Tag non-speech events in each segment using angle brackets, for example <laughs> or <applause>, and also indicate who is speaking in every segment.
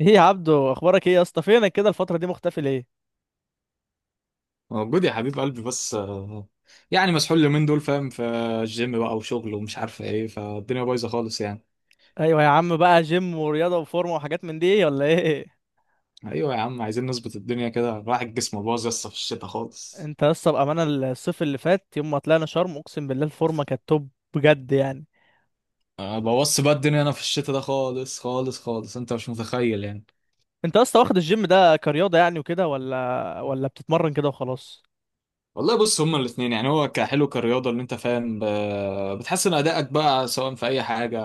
Speaker 1: ايه يا عبدو، اخبارك ايه يا اسطى؟ فينك كده الفتره دي، مختفي ليه؟
Speaker 2: موجود يا حبيب قلبي بس يعني مسحول اليومين دول فاهم، في الجيم بقى وشغل ومش عارف ايه، فالدنيا بايظه خالص يعني.
Speaker 1: ايوه يا عم، بقى جيم ورياضه وفورمه وحاجات من دي ولا ايه؟
Speaker 2: ايوه يا عم، عايزين نظبط الدنيا كده، راح الجسم باظ يسطا في الشتاء خالص.
Speaker 1: انت يا اسطى بامانه، الصيف اللي فات يوم ما طلعنا شرم اقسم بالله الفورمه كانت توب، بجد يعني.
Speaker 2: أه، بوظت بقى الدنيا انا في الشتاء ده خالص خالص خالص، انت مش متخيل يعني.
Speaker 1: انت يا اسطى واخد الجيم ده كرياضه يعني وكده، ولا بتتمرن كده وخلاص؟
Speaker 2: والله بص، هما الاثنين يعني، هو كحلو كرياضه اللي انت فاهم، بتحسن ادائك بقى سواء في اي حاجه،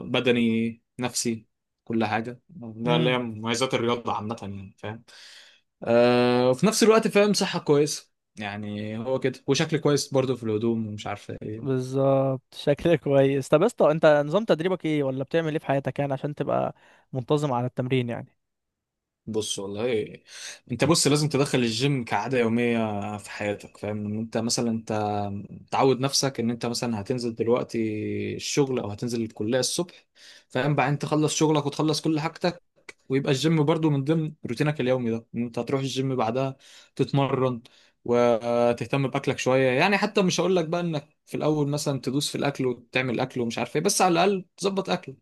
Speaker 2: بدني نفسي كل حاجه، ده اللي هي
Speaker 1: امم
Speaker 2: مميزات الرياضه عامه يعني فاهم. آه، وفي نفس الوقت فاهم صحة كويسة يعني، هو كده وشكل كويس برضه في الهدوم ومش عارف ايه.
Speaker 1: بالظبط، شكلك كويس. طب يا اسطى، انت نظام تدريبك ايه ولا بتعمل ايه في حياتك يعني عشان تبقى منتظم على التمرين يعني؟
Speaker 2: بص والله، انت بص لازم تدخل الجيم كعادة يومية في حياتك، فاهم ان انت مثلا انت تعود نفسك ان انت مثلا هتنزل دلوقتي الشغل او هتنزل الكلية الصبح، فاهم، بعدين تخلص شغلك وتخلص كل حاجتك، ويبقى الجيم برضو من ضمن روتينك اليومي ده، ان انت هتروح الجيم بعدها تتمرن وتهتم باكلك شويه يعني. حتى مش هقول لك بقى انك في الاول مثلا تدوس في الاكل وتعمل اكل ومش عارف ايه، بس على الاقل تظبط اكلك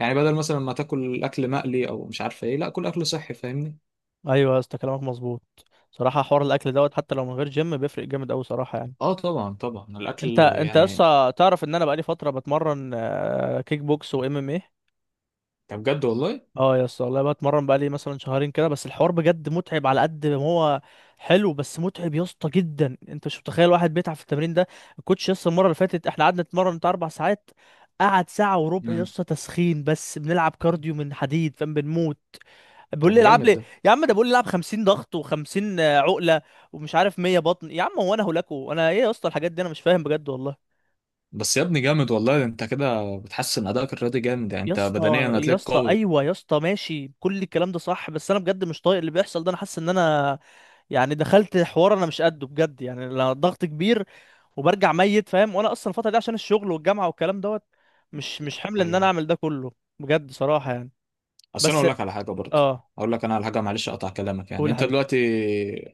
Speaker 2: يعني، بدل مثلا ما تاكل اكل مقلي او مش عارف ايه، لا كل اكل صحي، فاهمني.
Speaker 1: ايوه يا اسطى كلامك مظبوط. صراحه حوار الاكل دوت حتى لو من غير جيم بيفرق جامد قوي صراحه يعني.
Speaker 2: اه طبعا طبعا، الاكل
Speaker 1: انت
Speaker 2: يعني.
Speaker 1: لسه تعرف ان انا بقالي فتره بتمرن كيك بوكس وام ام ايه.
Speaker 2: طب بجد والله.
Speaker 1: اه يا اسطى والله بتمرن بقالي مثلا شهرين كده، بس الحوار بجد متعب على قد ما هو حلو، بس متعب يا اسطى جدا، انت مش متخيل واحد بيتعب في التمرين ده. الكوتش يا اسطى المره اللي فاتت احنا قعدنا نتمرن بتاع 4 ساعات. قعد ساعه وربع يا
Speaker 2: مم.
Speaker 1: اسطى تسخين بس، بنلعب كارديو من حديد، فاهم؟ بنموت. بيقول
Speaker 2: طب
Speaker 1: لي العب
Speaker 2: جامد
Speaker 1: لي.
Speaker 2: ده.
Speaker 1: يا عم ده بيقول لي العب 50 ضغط و50 عقله ومش عارف 100 بطن، يا عم هو انا هلاكو؟ انا ايه يا اسطى؟ الحاجات دي انا مش فاهم بجد والله.
Speaker 2: بس يا ابني جامد والله، ده انت كده بتحسن ادائك الرياضي جامد يعني،
Speaker 1: يا
Speaker 2: انت
Speaker 1: اسطى
Speaker 2: بدنيا
Speaker 1: يا
Speaker 2: هتلاقيك
Speaker 1: اسطى،
Speaker 2: قوي.
Speaker 1: ايوه يا اسطى ماشي، كل الكلام ده صح، بس انا بجد مش طايق اللي بيحصل ده. انا حاسس ان انا يعني دخلت حوار انا مش قده، بجد يعني، لا ضغط كبير وبرجع ميت، فاهم؟ وانا اصلا الفتره دي عشان الشغل والجامعه والكلام دوت مش حمل ان انا
Speaker 2: ايوه.
Speaker 1: اعمل ده كله، بجد صراحه يعني.
Speaker 2: اصل انا
Speaker 1: بس.
Speaker 2: اقول لك على حاجه برضه،
Speaker 1: اه.
Speaker 2: اقول لك انا على حاجه، معلش اقطع كلامك.
Speaker 1: قول
Speaker 2: يعني
Speaker 1: يا
Speaker 2: انت
Speaker 1: حبيبي.
Speaker 2: دلوقتي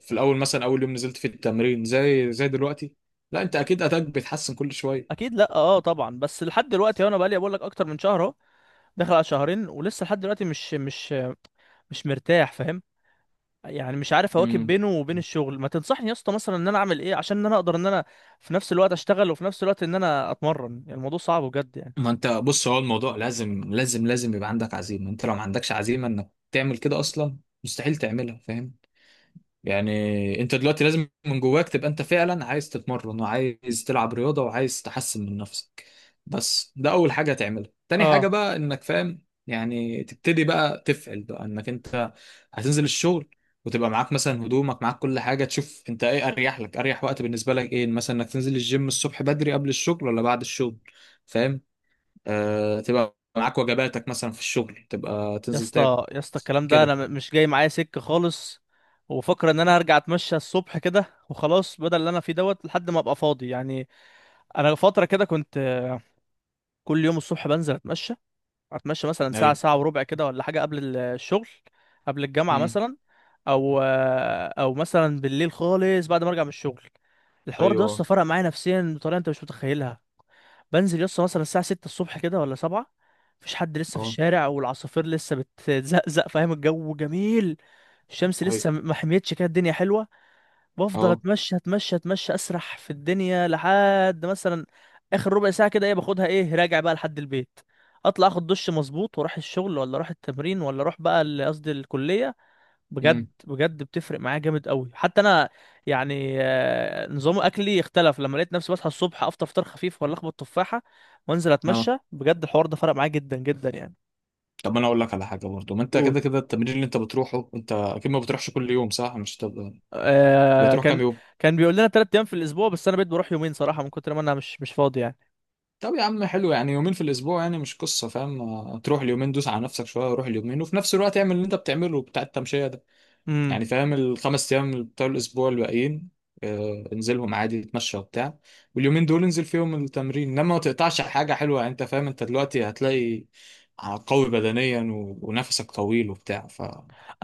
Speaker 2: في الاول مثلا اول يوم نزلت في التمرين زي دلوقتي، لا انت اكيد اداك بيتحسن كل شويه.
Speaker 1: اكيد لا، اه طبعا، بس لحد دلوقتي انا بقالي بقول لك اكتر من شهر، اهو داخل على شهرين، ولسه لحد دلوقتي مش مرتاح، فاهم؟ يعني مش عارف اواكب
Speaker 2: امم.
Speaker 1: بينه وبين الشغل. ما تنصحني يا اسطى مثلا ان انا اعمل ايه عشان ان انا اقدر ان انا في نفس الوقت اشتغل وفي نفس الوقت ان انا اتمرن؟ يعني الموضوع صعب بجد يعني.
Speaker 2: ما انت بص، هو الموضوع لازم لازم لازم يبقى عندك عزيمه، انت لو ما عندكش عزيمه انك تعمل كده اصلا، مستحيل تعملها، فاهم؟ يعني انت دلوقتي لازم من جواك تبقى انت فعلا عايز تتمرن وعايز تلعب رياضة وعايز تحسن من نفسك، بس ده اول حاجة هتعملها. تاني حاجة
Speaker 1: اه
Speaker 2: بقى انك فاهم، يعني تبتدي بقى تفعل بقى انك انت هتنزل الشغل، وتبقى معاك مثلا هدومك معاك كل حاجة، تشوف انت ايه اريح لك، اريح وقت بالنسبة لك ايه، مثلا انك تنزل الجيم الصبح بدري قبل الشغل ولا بعد الشغل، فاهم؟ آه، تبقى معاك وجباتك مثلا في الشغل تبقى
Speaker 1: يا
Speaker 2: تنزل تاكل
Speaker 1: اسطى يا اسطى الكلام ده انا
Speaker 2: كده.
Speaker 1: مش جاي معايا سكة خالص. وفكر ان انا هرجع اتمشى الصبح كده وخلاص بدل اللي انا فيه دوت لحد ما ابقى فاضي يعني. انا فترة كده كنت كل يوم الصبح بنزل اتمشى. اتمشى مثلا ساعه
Speaker 2: ايوه.
Speaker 1: ساعه وربع كده ولا حاجه قبل الشغل، قبل الجامعه
Speaker 2: مم.
Speaker 1: مثلا. او مثلا بالليل خالص بعد ما ارجع من الشغل. الحوار ده
Speaker 2: ايوه.
Speaker 1: لسه فرق معايا نفسيا بطريقه انت مش متخيلها. بنزل لسه مثلا الساعه 6 الصبح كده ولا 7. مفيش حد لسه في
Speaker 2: اه.
Speaker 1: الشارع والعصافير لسه بتزقزق، فاهم؟ الجو جميل. الشمس
Speaker 2: ايوه.
Speaker 1: لسه ما حميتش كده، الدنيا حلوه. بفضل
Speaker 2: اه.
Speaker 1: اتمشى اتمشى اتمشى، اسرح في الدنيا لحد مثلا اخر ربع ساعه كده ايه، باخدها ايه راجع بقى لحد البيت. اطلع اخد دش مظبوط واروح الشغل ولا اروح التمرين ولا اروح بقى قصدي الكليه. بجد
Speaker 2: امم.
Speaker 1: بجد بتفرق معايا جامد قوي حتى انا يعني. نظام اكلي اختلف لما لقيت نفسي بصحى الصبح افطر فطار خفيف ولا اخبط تفاحه وانزل
Speaker 2: اه،
Speaker 1: اتمشى، بجد الحوار ده فرق معايا جدا جدا يعني.
Speaker 2: طب انا اقول لك على حاجه برضه، ما انت
Speaker 1: قول.
Speaker 2: كده كده التمرين اللي انت بتروحه انت اكيد ما بتروحش كل يوم، صح؟ مش تبقى
Speaker 1: آه.
Speaker 2: بتروح
Speaker 1: كان
Speaker 2: كام يوم؟
Speaker 1: كان بيقول لنا 3 ايام في الاسبوع بس انا بقيت بروح يومين صراحه من كتر ما انا مش فاضي يعني.
Speaker 2: طب يا عم حلو، يعني يومين في الاسبوع يعني مش قصه فاهم. تروح اليومين دوس على نفسك شويه، روح اليومين، وفي نفس الوقت اعمل اللي انت بتعمله بتاع التمشيه ده
Speaker 1: امم.
Speaker 2: يعني، فاهم؟ الخمس ايام بتوع الاسبوع الباقيين، انزلهم عادي اتمشى وبتاع، واليومين دول انزل فيهم التمرين، انما ما تقطعش حاجه حلوه يعني، انت فاهم؟ انت دلوقتي هتلاقي قوي بدنيا ونفسك طويل وبتاع، ف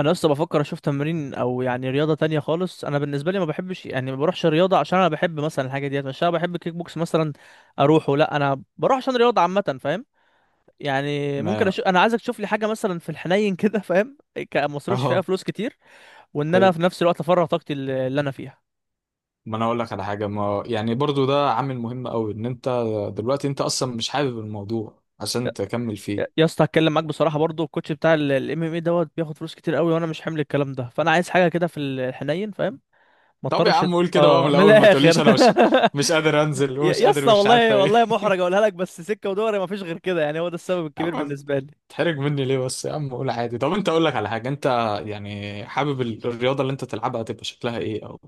Speaker 1: انا اصلا بفكر اشوف تمرين او يعني رياضه تانية خالص. انا بالنسبه لي ما بحبش يعني، ما بروحش رياضه عشان انا بحب مثلا الحاجه ديت، مش انا بحب كيك بوكس مثلا اروحه، لا انا بروح عشان رياضه عامه، فاهم؟ يعني ممكن
Speaker 2: ما
Speaker 1: اشوف، انا عايزك تشوف لي حاجه مثلا في الحنين <laughs> كده، فاهم؟ ما اصرفش فيها
Speaker 2: اه،
Speaker 1: فلوس كتير، وان انا
Speaker 2: طيب.
Speaker 1: في نفس الوقت افرغ طاقتي اللي انا فيها.
Speaker 2: ما انا اقول لك على حاجه، ما يعني برضو ده عامل مهم قوي، ان انت دلوقتي انت اصلا مش حابب الموضوع عشان تكمل
Speaker 1: يا
Speaker 2: فيه.
Speaker 1: يا اسطى هتكلم معاك بصراحه، برضو الكوتش بتاع الام ام اي دوت بياخد فلوس كتير قوي وانا مش حامل الكلام ده، فانا عايز حاجه كده في الحنين، فاهم؟ ما
Speaker 2: طب يا
Speaker 1: اضطرش.
Speaker 2: عم قول كده بقى من
Speaker 1: اه من
Speaker 2: الاول، ما
Speaker 1: الاخر.
Speaker 2: تقوليش انا مش مش قادر
Speaker 1: <laughs>
Speaker 2: انزل
Speaker 1: يا
Speaker 2: ومش
Speaker 1: يا
Speaker 2: قادر
Speaker 1: اسطى
Speaker 2: مش عارفه
Speaker 1: والله
Speaker 2: ايه
Speaker 1: والله محرج
Speaker 2: <laughs>
Speaker 1: اقولها لك، بس سكه ودوري ما فيش غير كده يعني، هو ده السبب
Speaker 2: يا
Speaker 1: الكبير
Speaker 2: عم
Speaker 1: بالنسبه لي.
Speaker 2: تحرج مني ليه بس يا عم، قول عادي. طب انت، اقول لك على حاجه، انت يعني حابب الرياضه اللي انت تلعبها تبقى شكلها ايه، او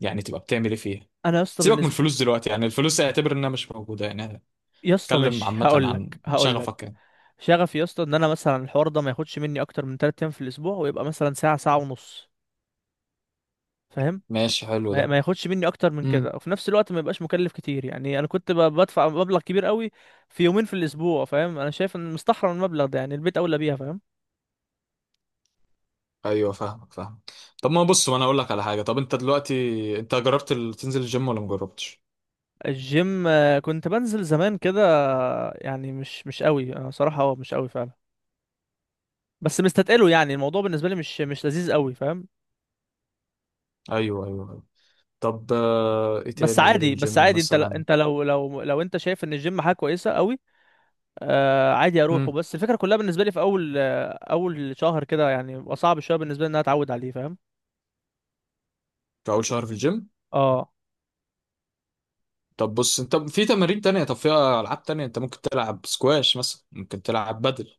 Speaker 2: يعني تبقى بتعمل ايه فيها؟
Speaker 1: انا يا اسطى
Speaker 2: سيبك من
Speaker 1: بالنسبه...
Speaker 2: الفلوس دلوقتي، يعني الفلوس اعتبر انها مش موجوده يعني.
Speaker 1: يا اسطى
Speaker 2: اتكلم
Speaker 1: ماشي،
Speaker 2: عامه
Speaker 1: هقول لك
Speaker 2: عن
Speaker 1: هقول
Speaker 2: شغفك
Speaker 1: لك
Speaker 2: يعني.
Speaker 1: شغفي يا اسطى ان انا مثلا الحوار ده ما ياخدش مني اكتر من 3 ايام في الاسبوع، ويبقى مثلا ساعه ساعه ونص، فاهم؟
Speaker 2: ماشي، حلو
Speaker 1: ما
Speaker 2: ده.
Speaker 1: ما ياخدش مني اكتر من كده
Speaker 2: مم.
Speaker 1: وفي نفس الوقت ما يبقاش مكلف كتير يعني. انا كنت بدفع مبلغ كبير قوي في يومين في الاسبوع، فاهم؟ انا شايف ان مستحرم المبلغ ده يعني، البيت اولى بيها، فاهم؟
Speaker 2: ايوه فاهمك، فاهم. طب ما بص وانا اقول لك على حاجه، طب انت دلوقتي انت جربت تنزل الجيم ولا مجربتش؟
Speaker 1: الجيم كنت بنزل زمان كده. يعني مش قوي انا صراحة، اه مش قوي فعلا، بس مستتقله يعني الموضوع بالنسبة لي مش لذيذ قوي، فاهم؟
Speaker 2: ايوه ايوه أيوة. طب آه، ايه
Speaker 1: بس
Speaker 2: تاني غير
Speaker 1: عادي بس
Speaker 2: الجيم
Speaker 1: عادي انت
Speaker 2: مثلا؟
Speaker 1: انت لو انت شايف ان الجيم حاجة كويسة قوي، آه عادي اروحه.
Speaker 2: امم.
Speaker 1: بس الفكرة كلها بالنسبة لي في اول اول شهر كده يعني بيبقى صعب شوية بالنسبة لي ان انا اتعود عليه، فاهم؟
Speaker 2: في اول شهر في الجيم.
Speaker 1: اه.
Speaker 2: طب بص، انت في تمارين تانية، طب في العاب تانية، انت ممكن تلعب سكواش مثلا، ممكن تلعب بدل،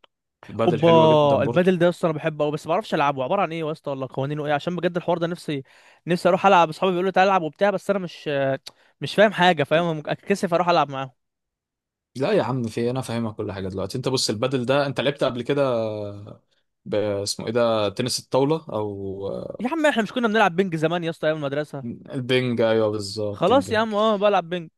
Speaker 2: البدل
Speaker 1: اوبا،
Speaker 2: حلوه جدا برضه.
Speaker 1: البادل ده يا اسطى انا بحبه قوي، بس ما اعرفش العبه عباره عن ايه يا اسطى ولا قوانينه ايه، عشان بجد الحوار ده نفسي، نفسي اروح العب. اصحابي بيقولوا تعالى العب وبتاع، بس انا مش فاهم حاجه، فاهم؟ ممكن اتكسف اروح العب معاهم.
Speaker 2: لا يا عم، في إيه؟ انا فاهمك كل حاجه. دلوقتي انت بص، البدل ده انت لعبت قبل كده اسمه ايه ده، تنس الطاوله، او
Speaker 1: يا عم احنا مش كنا بنلعب بينج زمان يا اسطى ايام المدرسه؟
Speaker 2: البنج، ايوه بالظبط
Speaker 1: خلاص يا
Speaker 2: البنج.
Speaker 1: عم اه بلعب بينج.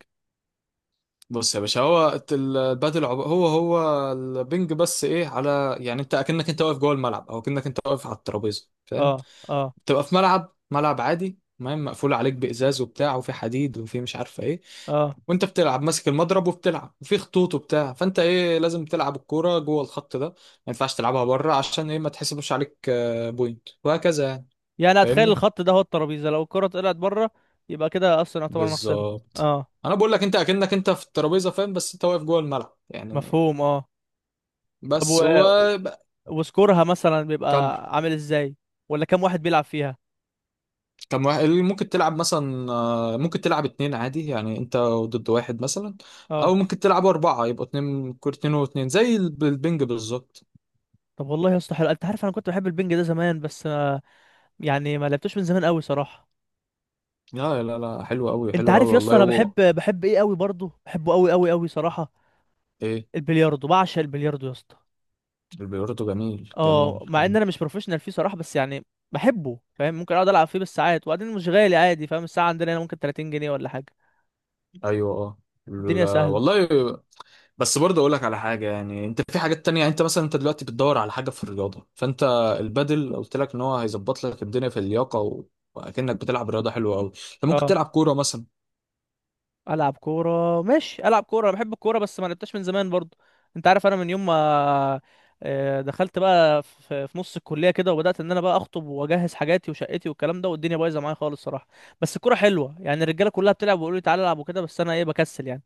Speaker 2: بص يا باشا، هو البادل هو البنج بس ايه على، يعني انت اكنك انت واقف جوه الملعب، او اكنك انت واقف على الترابيزه فاهم.
Speaker 1: اه. اه.
Speaker 2: بتبقى في ملعب، ملعب عادي تمام، مقفول عليك بازاز وبتاع، وفي حديد، وفي مش عارفه ايه،
Speaker 1: اه
Speaker 2: وانت بتلعب ماسك المضرب وبتلعب، وفي خطوط وبتاع، فانت ايه، لازم تلعب الكوره جوه الخط ده، ما ينفعش تلعبها بره، عشان ايه، ما تحسبش عليك بوينت وهكذا يعني،
Speaker 1: يعني اتخيل
Speaker 2: فاهمني؟
Speaker 1: الخط ده هو الترابيزه، لو الكره طلعت بره يبقى كده اصلا يعتبر انا خسرت.
Speaker 2: بالظبط.
Speaker 1: اه.
Speaker 2: انا بقول لك انت اكنك انت في الترابيزه فاهم، بس انت واقف جوه الملعب يعني،
Speaker 1: مفهوم، اه. طب
Speaker 2: بس هو.
Speaker 1: وسكورها مثلا
Speaker 2: كم
Speaker 1: بيبقى عامل ازاي؟ ولا كام واحد بيلعب فيها؟
Speaker 2: كم واحد ممكن تلعب مثلا، ممكن تلعب اتنين عادي، يعني انت ضد واحد مثلا،
Speaker 1: اه.
Speaker 2: او ممكن تلعب اربعة، يبقوا اتنين كور، اتنين واتنين، زي البنج بالظبط.
Speaker 1: طب والله يا اسطى حلو، انت عارف انا كنت بحب البنج ده زمان، بس يعني ما لعبتوش من زمان قوي صراحه.
Speaker 2: لا لا لا، حلو قوي،
Speaker 1: انت
Speaker 2: حلو قوي
Speaker 1: عارف يا اسطى
Speaker 2: والله،
Speaker 1: انا بحب،
Speaker 2: هو
Speaker 1: بحب قوي برضه، بحبه قوي قوي قوي صراحه.
Speaker 2: ايه؟
Speaker 1: البلياردو، بعشق البلياردو يا اسطى.
Speaker 2: البيورتو جميل
Speaker 1: اه
Speaker 2: جميل
Speaker 1: مع ان
Speaker 2: جميل.
Speaker 1: انا مش بروفيشنال فيه صراحه، بس يعني بحبه، فاهم؟ ممكن اقعد العب فيه بالساعات، وبعدين مش غالي عادي، فاهم؟ الساعه عندنا هنا ممكن 30 جنيه ولا حاجه.
Speaker 2: ايوه، اه.
Speaker 1: الدنيا
Speaker 2: لا،
Speaker 1: سهله.
Speaker 2: والله. بس برضه اقول لك على حاجه، يعني انت في حاجات تانية، يعني انت مثلا انت دلوقتي بتدور على حاجه في الرياضه، فانت البادل قلت لك ان هو هيظبط لك الدنيا في اللياقه و... واكنك بتلعب رياضه حلوه قوي، انت ممكن
Speaker 1: اه
Speaker 2: تلعب كوره مثلا.
Speaker 1: العب كوره ماشي، العب كوره، انا بحب الكوره بس ما لعبتهاش من زمان برضو. انت عارف انا من يوم ما دخلت بقى في نص الكليه كده وبدات ان انا بقى اخطب واجهز حاجاتي وشقتي والكلام ده، والدنيا بايظه معايا خالص صراحه، بس الكوره حلوه يعني، الرجاله كلها بتلعب ويقولوا لي تعالى العب وكده، بس انا ايه بكسل يعني.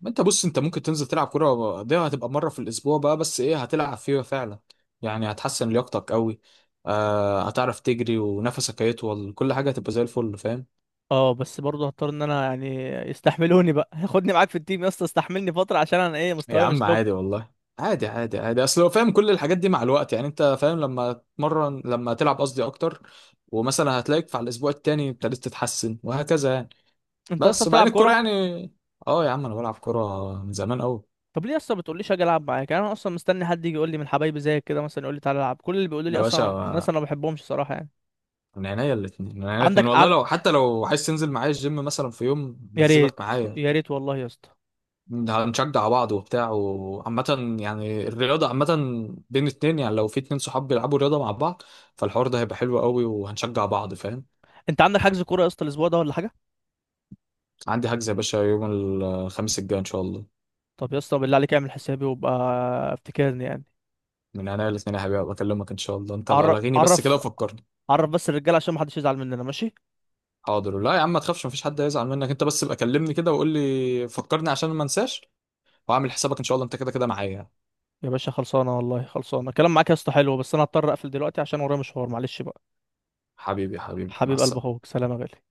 Speaker 2: ما انت بص، انت ممكن تنزل تلعب كرة، دي هتبقى مرة في الأسبوع بقى، بس ايه، هتلعب فيها فعلا، يعني هتحسن لياقتك قوي، آه، هتعرف تجري ونفسك هيطول، كل حاجة هتبقى زي الفل، فاهم؟
Speaker 1: اه بس برضه هضطر ان انا يعني يستحملوني بقى. <laughs> خدني معاك في التيم يا اسطى، استحملني فتره عشان انا ايه
Speaker 2: يا
Speaker 1: مستواي مش
Speaker 2: عم
Speaker 1: توب.
Speaker 2: عادي والله، عادي عادي عادي، اصل هو فاهم كل الحاجات دي مع الوقت، يعني انت فاهم، لما تمرن لما تلعب قصدي اكتر، ومثلا هتلاقيك في على الأسبوع التاني ابتديت تتحسن وهكذا يعني.
Speaker 1: انت اصلا
Speaker 2: بس
Speaker 1: بتلعب
Speaker 2: وبعدين الكرة
Speaker 1: كوره؟
Speaker 2: يعني، اه يا عم، انا بلعب كرة من زمان قوي.
Speaker 1: طب ليه اصلا ما بتقوليش اجي العب معاك؟ يعني انا اصلا مستني حد يجي يقول لي من حبايبي زيك كده، مثلا يقول لي تعالى العب، كل اللي بيقولوا لي
Speaker 2: يا
Speaker 1: اصلا ناس
Speaker 2: باشا،
Speaker 1: انا ما بحبهمش صراحه يعني.
Speaker 2: من عينيا الاثنين من عينيا الاثنين
Speaker 1: عندك
Speaker 2: والله،
Speaker 1: عن...
Speaker 2: لو حتى لو عايز تنزل معايا الجيم مثلا، في يوم
Speaker 1: يا ريت،
Speaker 2: نزلك معايا،
Speaker 1: يا ريت والله يا اسطى.
Speaker 2: هنشجع بعض وبتاع، وعامة يعني الرياضة عامة بين اتنين، يعني لو في اتنين صحاب بيلعبوا رياضة مع بعض، فالحوار ده هيبقى حلو قوي، وهنشجع بعض فاهم.
Speaker 1: انت عندك حجز كوره يا اسطى الاسبوع ده ولا حاجه؟
Speaker 2: عندي حجز يا باشا يوم الخميس الجاي ان شاء الله.
Speaker 1: طب يا اسطى بالله عليك اعمل حسابي وابقى افتكرني يعني.
Speaker 2: من عينيا الاثنين يا حبيبي، بكلمك ان شاء الله، انت ابقى لغيني بس كده
Speaker 1: عرف
Speaker 2: وفكرني.
Speaker 1: عرف، بس الرجاله عشان ما حدش يزعل مننا، ماشي؟
Speaker 2: حاضر، لا يا عم ما تخافش، مفيش حد هيزعل منك، انت بس ابقى كلمني كده وقول لي فكرني عشان ما انساش، واعمل حسابك ان شاء الله، انت كده كده معايا.
Speaker 1: يا باشا خلصانه والله، خلصانه الكلام معاك يا اسطى حلو، بس انا هضطر اقفل دلوقتي عشان ورايا مشوار، معلش بقى.
Speaker 2: حبيبي حبيبي، مع
Speaker 1: حبيب قلب
Speaker 2: السلامة.
Speaker 1: اخوك، سلام يا غالي.